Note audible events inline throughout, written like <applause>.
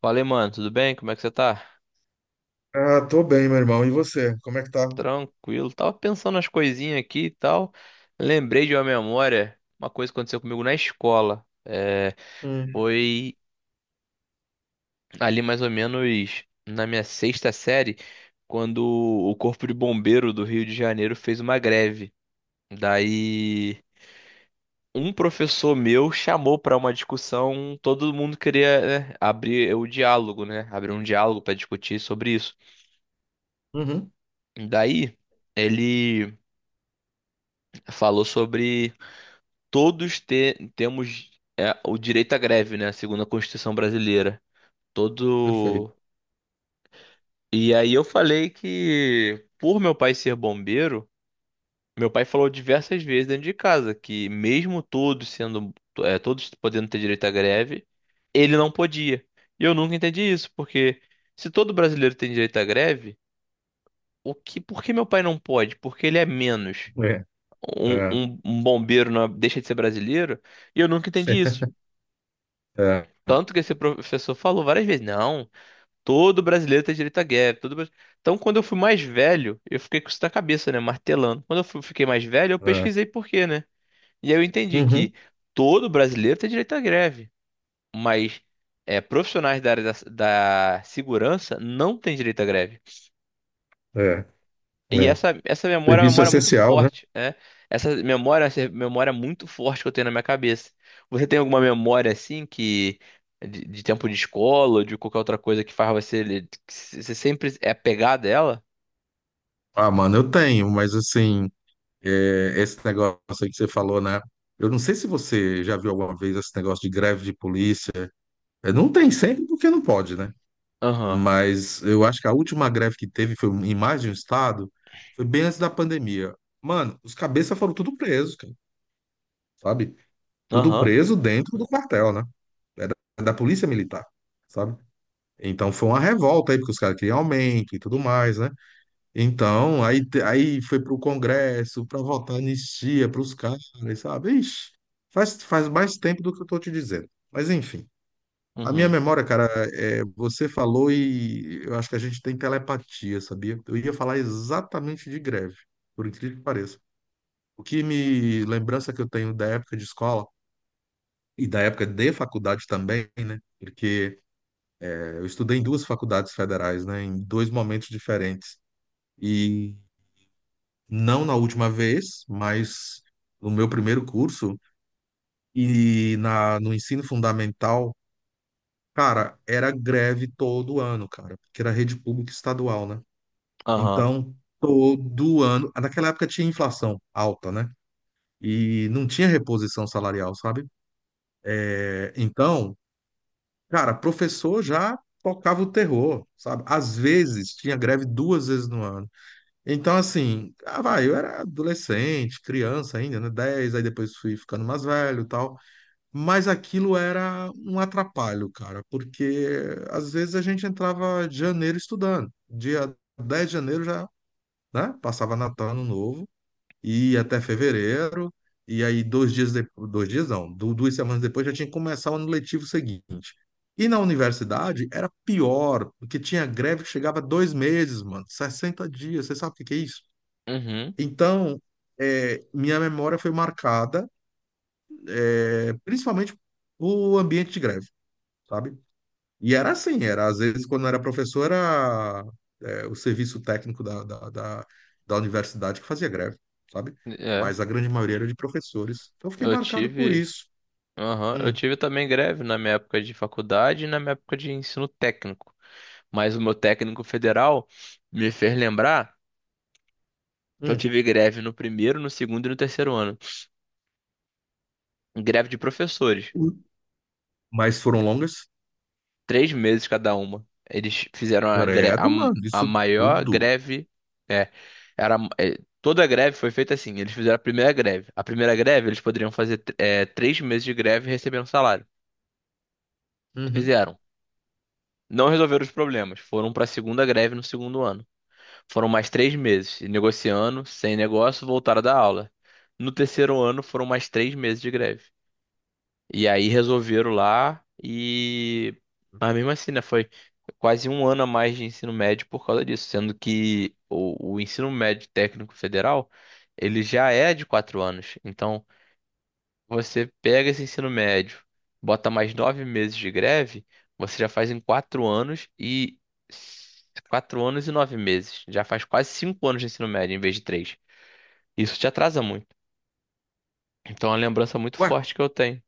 Falei, mano, tudo bem? Como é que você tá? Ah, tô bem, meu irmão. E você? Como é que tá? Tranquilo. Tava pensando nas coisinhas aqui e tal. Lembrei de uma memória, uma coisa que aconteceu comigo na escola. Hum, Foi ali mais ou menos na minha sexta série, quando o Corpo de Bombeiro do Rio de Janeiro fez uma greve. Daí, um professor meu chamou para uma discussão, todo mundo queria, né, abrir o diálogo, né? Abrir um diálogo para discutir sobre isso. uhum, Daí, ele falou sobre todos temos o direito à greve, né? Segundo a Constituição brasileira. perfeito. Todo. E aí eu falei que, por meu pai ser bombeiro, meu pai falou diversas vezes dentro de casa que, mesmo todos sendo, todos podendo ter direito à greve, ele não podia. E eu nunca entendi isso, porque se todo brasileiro tem direito à greve, o que, por que meu pai não pode? Porque ele é menos. É, Um, é, um- um bombeiro não é- deixa de ser brasileiro? E eu nunca entendi isso. <laughs> é, Tanto que esse professor falou várias vezes, não, todo brasileiro tem direito à guerra, todo... brasi-" Então, quando eu fui mais velho, eu fiquei com isso na cabeça, né, martelando. Quando eu fiquei mais velho, eu é, pesquisei por quê, né? E aí eu entendi que uhum, todo brasileiro tem direito à greve, mas profissionais da área da segurança não têm direito à greve. é, E é. essa memória é uma Serviço memória muito essencial, né? forte, né? Essa memória muito forte que eu tenho na minha cabeça. Você tem alguma memória assim que de tempo de escola, ou de qualquer outra coisa que faz você, você sempre é apegado a ela? Ah, mano, eu tenho, mas assim, é, esse negócio aí que você falou, né? Eu não sei se você já viu alguma vez esse negócio de greve de polícia. É, não tem sempre porque não pode, né? Aham. Mas eu acho que a última greve que teve foi em mais de um estado, foi bem antes da pandemia. Mano, os cabeças foram tudo presos, cara, sabe? Tudo Aham. preso dentro do quartel, né? É da polícia militar, sabe? Então foi uma revolta aí, porque os caras queriam aumento e tudo mais, né? Então, aí, aí foi pro Congresso para votar anistia pros caras, sabe? Ixi, faz mais tempo do que eu tô te dizendo. Mas enfim, a minha Uhum. memória, cara, é, você falou e eu acho que a gente tem telepatia, sabia? Eu ia falar exatamente de greve, por incrível que pareça. O que me lembrança que eu tenho da época de escola e da época de faculdade também, né? Porque eu estudei em duas faculdades federais, né? Em dois momentos diferentes. E não na última vez, mas no meu primeiro curso e na, no ensino fundamental, cara, era greve todo ano, cara, porque era rede pública estadual, né? Aham. Então, todo ano, naquela época tinha inflação alta, né? E não tinha reposição salarial, sabe? É, então, cara, professor já tocava o terror, sabe? Às vezes tinha greve duas vezes no ano. Então, assim, ah, vai, eu era adolescente, criança ainda, né? Dez aí depois fui ficando mais velho e tal. Mas aquilo era um atrapalho, cara, porque às vezes a gente entrava de janeiro estudando. Dia 10 de janeiro já, né? Passava Natal, Ano Novo e ia até fevereiro, e aí 2 dias depois, 2 dias não, 2 semanas depois já tinha que começar o ano letivo seguinte. E na universidade era pior, porque tinha greve que chegava a 2 meses, mano, 60 dias, você sabe o que que é isso? Uhum. Então, é, minha memória foi marcada, é, principalmente o ambiente de greve, sabe? E era assim, era às vezes quando eu era professor era é, o serviço técnico da universidade que fazia greve, sabe? É, Mas a grande maioria era de professores. Então eu fiquei eu marcado por tive, isso. aham. Eu Hum, tive também greve na minha época de faculdade e na minha época de ensino técnico. Mas o meu técnico federal me fez lembrar que eu hum. tive greve no primeiro, no segundo e no terceiro ano. Greve de professores. Hum. Mas foram longas? 3 meses cada uma. Eles fizeram a, gre- a, Credo, mano, a isso maior tudo. greve. É, toda a greve foi feita assim. Eles fizeram a primeira greve. A primeira greve, eles poderiam fazer 3 meses de greve e receber um salário. Uhum. Fizeram. Não resolveram os problemas. Foram para a segunda greve no segundo ano. Foram mais 3 meses, negociando, sem negócio, voltaram da aula. No terceiro ano, foram mais 3 meses de greve. E aí resolveram lá e. Mas mesmo assim, né? Foi quase um ano a mais de ensino médio por causa disso, sendo que o ensino médio técnico federal ele já é de 4 anos. Então, você pega esse ensino médio, bota mais 9 meses de greve, você já faz em 4 anos e 9 meses. Já faz quase 5 anos de ensino médio em vez de três. Isso te atrasa muito. Então, é uma lembrança muito Ué, forte que eu tenho.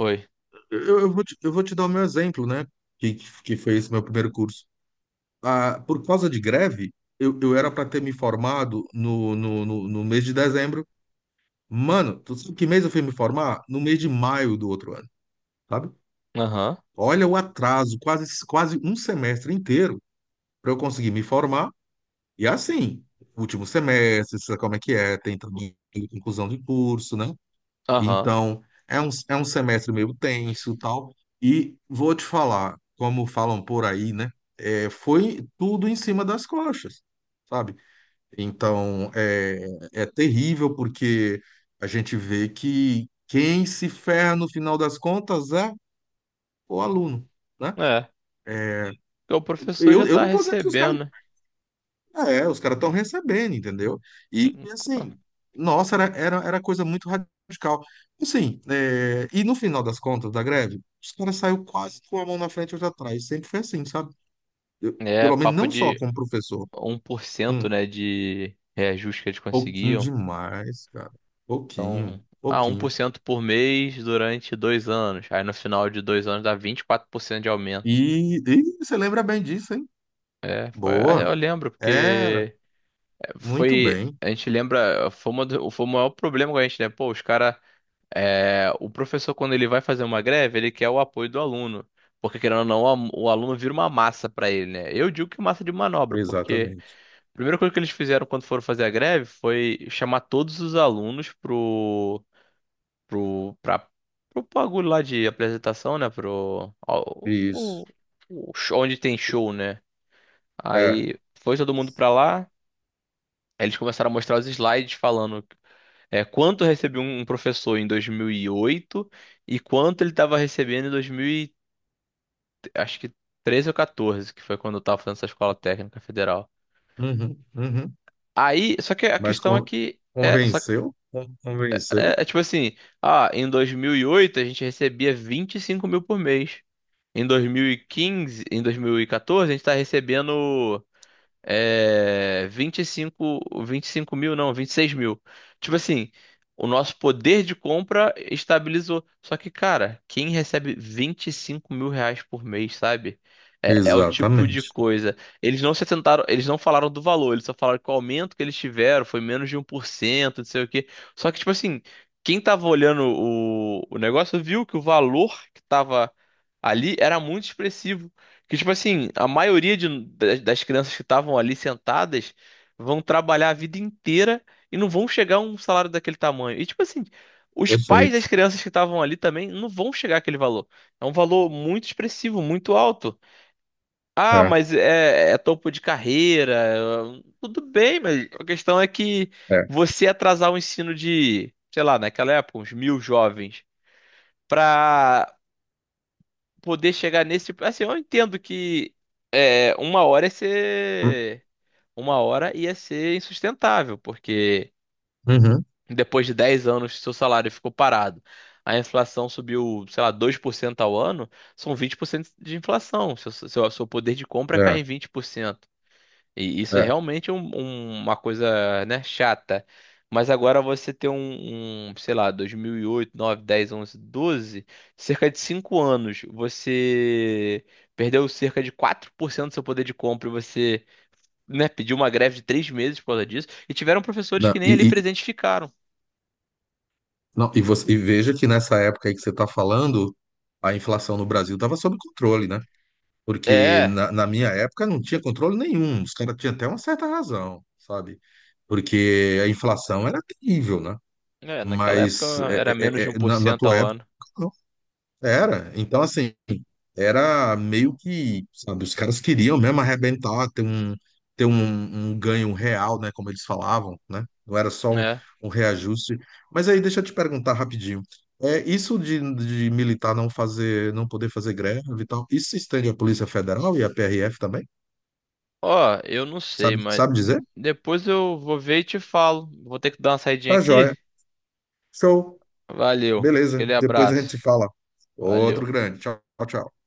Oi. eu vou te dar o meu exemplo, né? Que, que foi esse meu primeiro curso. Ah, por causa de greve, eu era para ter me formado no mês de dezembro. Mano, tu sabe que mês eu fui me formar? No mês de maio do outro ano, sabe? Aham. Olha o atraso, quase, quase um semestre inteiro para eu conseguir me formar. E assim, último semestre, sabe como é que é? Tem também conclusão de curso, né? Aham. Então, é um semestre meio tenso e tal. E vou te falar, como falam por aí, né? É, foi tudo em cima das coxas, sabe? Então, é, terrível porque a gente vê que quem se ferra no final das contas é o aluno, né? É. Porque o professor Eu, já eu tá não tô dizendo que os caras... recebendo, É, os caras estão recebendo, entendeu? E, né? e, assim, nossa, era coisa muito radical. Assim, é, e no final das contas da greve, os caras saíram quase com a mão na frente e outra atrás. Sempre foi assim, sabe? Eu, É, pelo menos papo não só de como professor. 1%, Hum, né, de reajuste que eles Pouquinho conseguiam. demais, cara. Então, Pouquinho, ah, um por pouquinho. cento por mês durante 2 anos. Aí no final de 2 anos dá 24% de aumento. E você lembra bem disso, hein? É, foi, ah, Boa. eu lembro, Era. porque Muito foi. bem. A gente lembra, foi o maior problema com a gente, né? Pô, os caras. O professor, quando ele vai fazer uma greve, ele quer o apoio do aluno. Porque, querendo ou não, o aluno vira uma massa pra ele, né? Eu digo que massa de manobra, porque. Exatamente. A primeira coisa que eles fizeram quando foram fazer a greve foi chamar todos os alunos pro, pra, pro bagulho lá de apresentação, né? Pro, ao- Isso. o show- onde tem show, né? É. Aí foi todo mundo pra lá. Aí eles começaram a mostrar os slides falando quanto recebeu um professor em 2008 e quanto ele estava recebendo em 2000, acho que 13 ou 14, que foi quando eu tava fazendo essa escola técnica federal. Uhum, uhum. Aí, só que a Mas questão é que é, só, convenceu? Convenceu? É, é tipo assim, ah, em 2008 a gente recebia 25 mil por mês. Em 2014, a gente tá recebendo 25 mil, não, 26 mil. Tipo assim, o nosso poder de compra estabilizou. Só que, cara, quem recebe 25 mil reais por mês, sabe? É o tipo de Exatamente. coisa. Eles não se sentaram, eles não falaram do valor, eles só falaram que o aumento que eles tiveram foi menos de 1%, não sei o quê. Só que, tipo assim, quem tava olhando o negócio viu que o valor que tava ali era muito expressivo. Que, tipo assim, a maioria das crianças que estavam ali sentadas vão trabalhar a vida inteira e não vão chegar a um salário daquele tamanho. E, tipo assim, os pais das Perfeito. crianças que estavam ali também não vão chegar àquele valor. É um valor muito expressivo, muito alto. Ah, É, mas é topo de carreira. Tudo bem, mas a questão é que é. você atrasar o ensino de, sei lá, naquela época, uns mil jovens. Para poder chegar nesse tipo. Assim, eu entendo que uma hora ia ser. Uma hora ia ser insustentável, porque Uhum, depois de 10 anos seu salário ficou parado, a inflação subiu, sei lá, 2% ao ano, são 20% de inflação. Seu poder de compra cai é, em 20% e isso é é. realmente uma coisa, né, chata. Mas agora você tem sei lá, 2008, 9, 10, 11, 12, cerca de 5 anos, você perdeu cerca de 4% do seu poder de compra e você, né, pediu uma greve de 3 meses por causa disso. E tiveram professores Não, que nem ali presentes ficaram. não, e, você, e veja que nessa época aí que você está falando, a inflação no Brasil estava sob controle, né? Porque É, na minha época não tinha controle nenhum. Os caras tinham até uma certa razão, sabe? Porque a inflação era terrível, né? Naquela época Mas é, era menos é, de um é, é, por na cento tua ao época, ano. não. Era. Então, assim, era meio que, sabe, os caras queriam mesmo arrebentar, ter um, um ganho real, né? Como eles falavam, né? Não era só um, É. um reajuste. Mas aí, deixa eu te perguntar rapidinho. É, isso de militar não fazer, não poder fazer greve e tal, isso se estende à Polícia Federal e à PRF também? Ó, eu não sei, Sabe, mas sabe dizer? depois eu vou ver e te falo. Vou ter que dar uma saidinha Tá aqui. joia. Show. Valeu. Beleza, Aquele depois a gente se abraço. fala. Outro Valeu. grande. Tchau, tchau.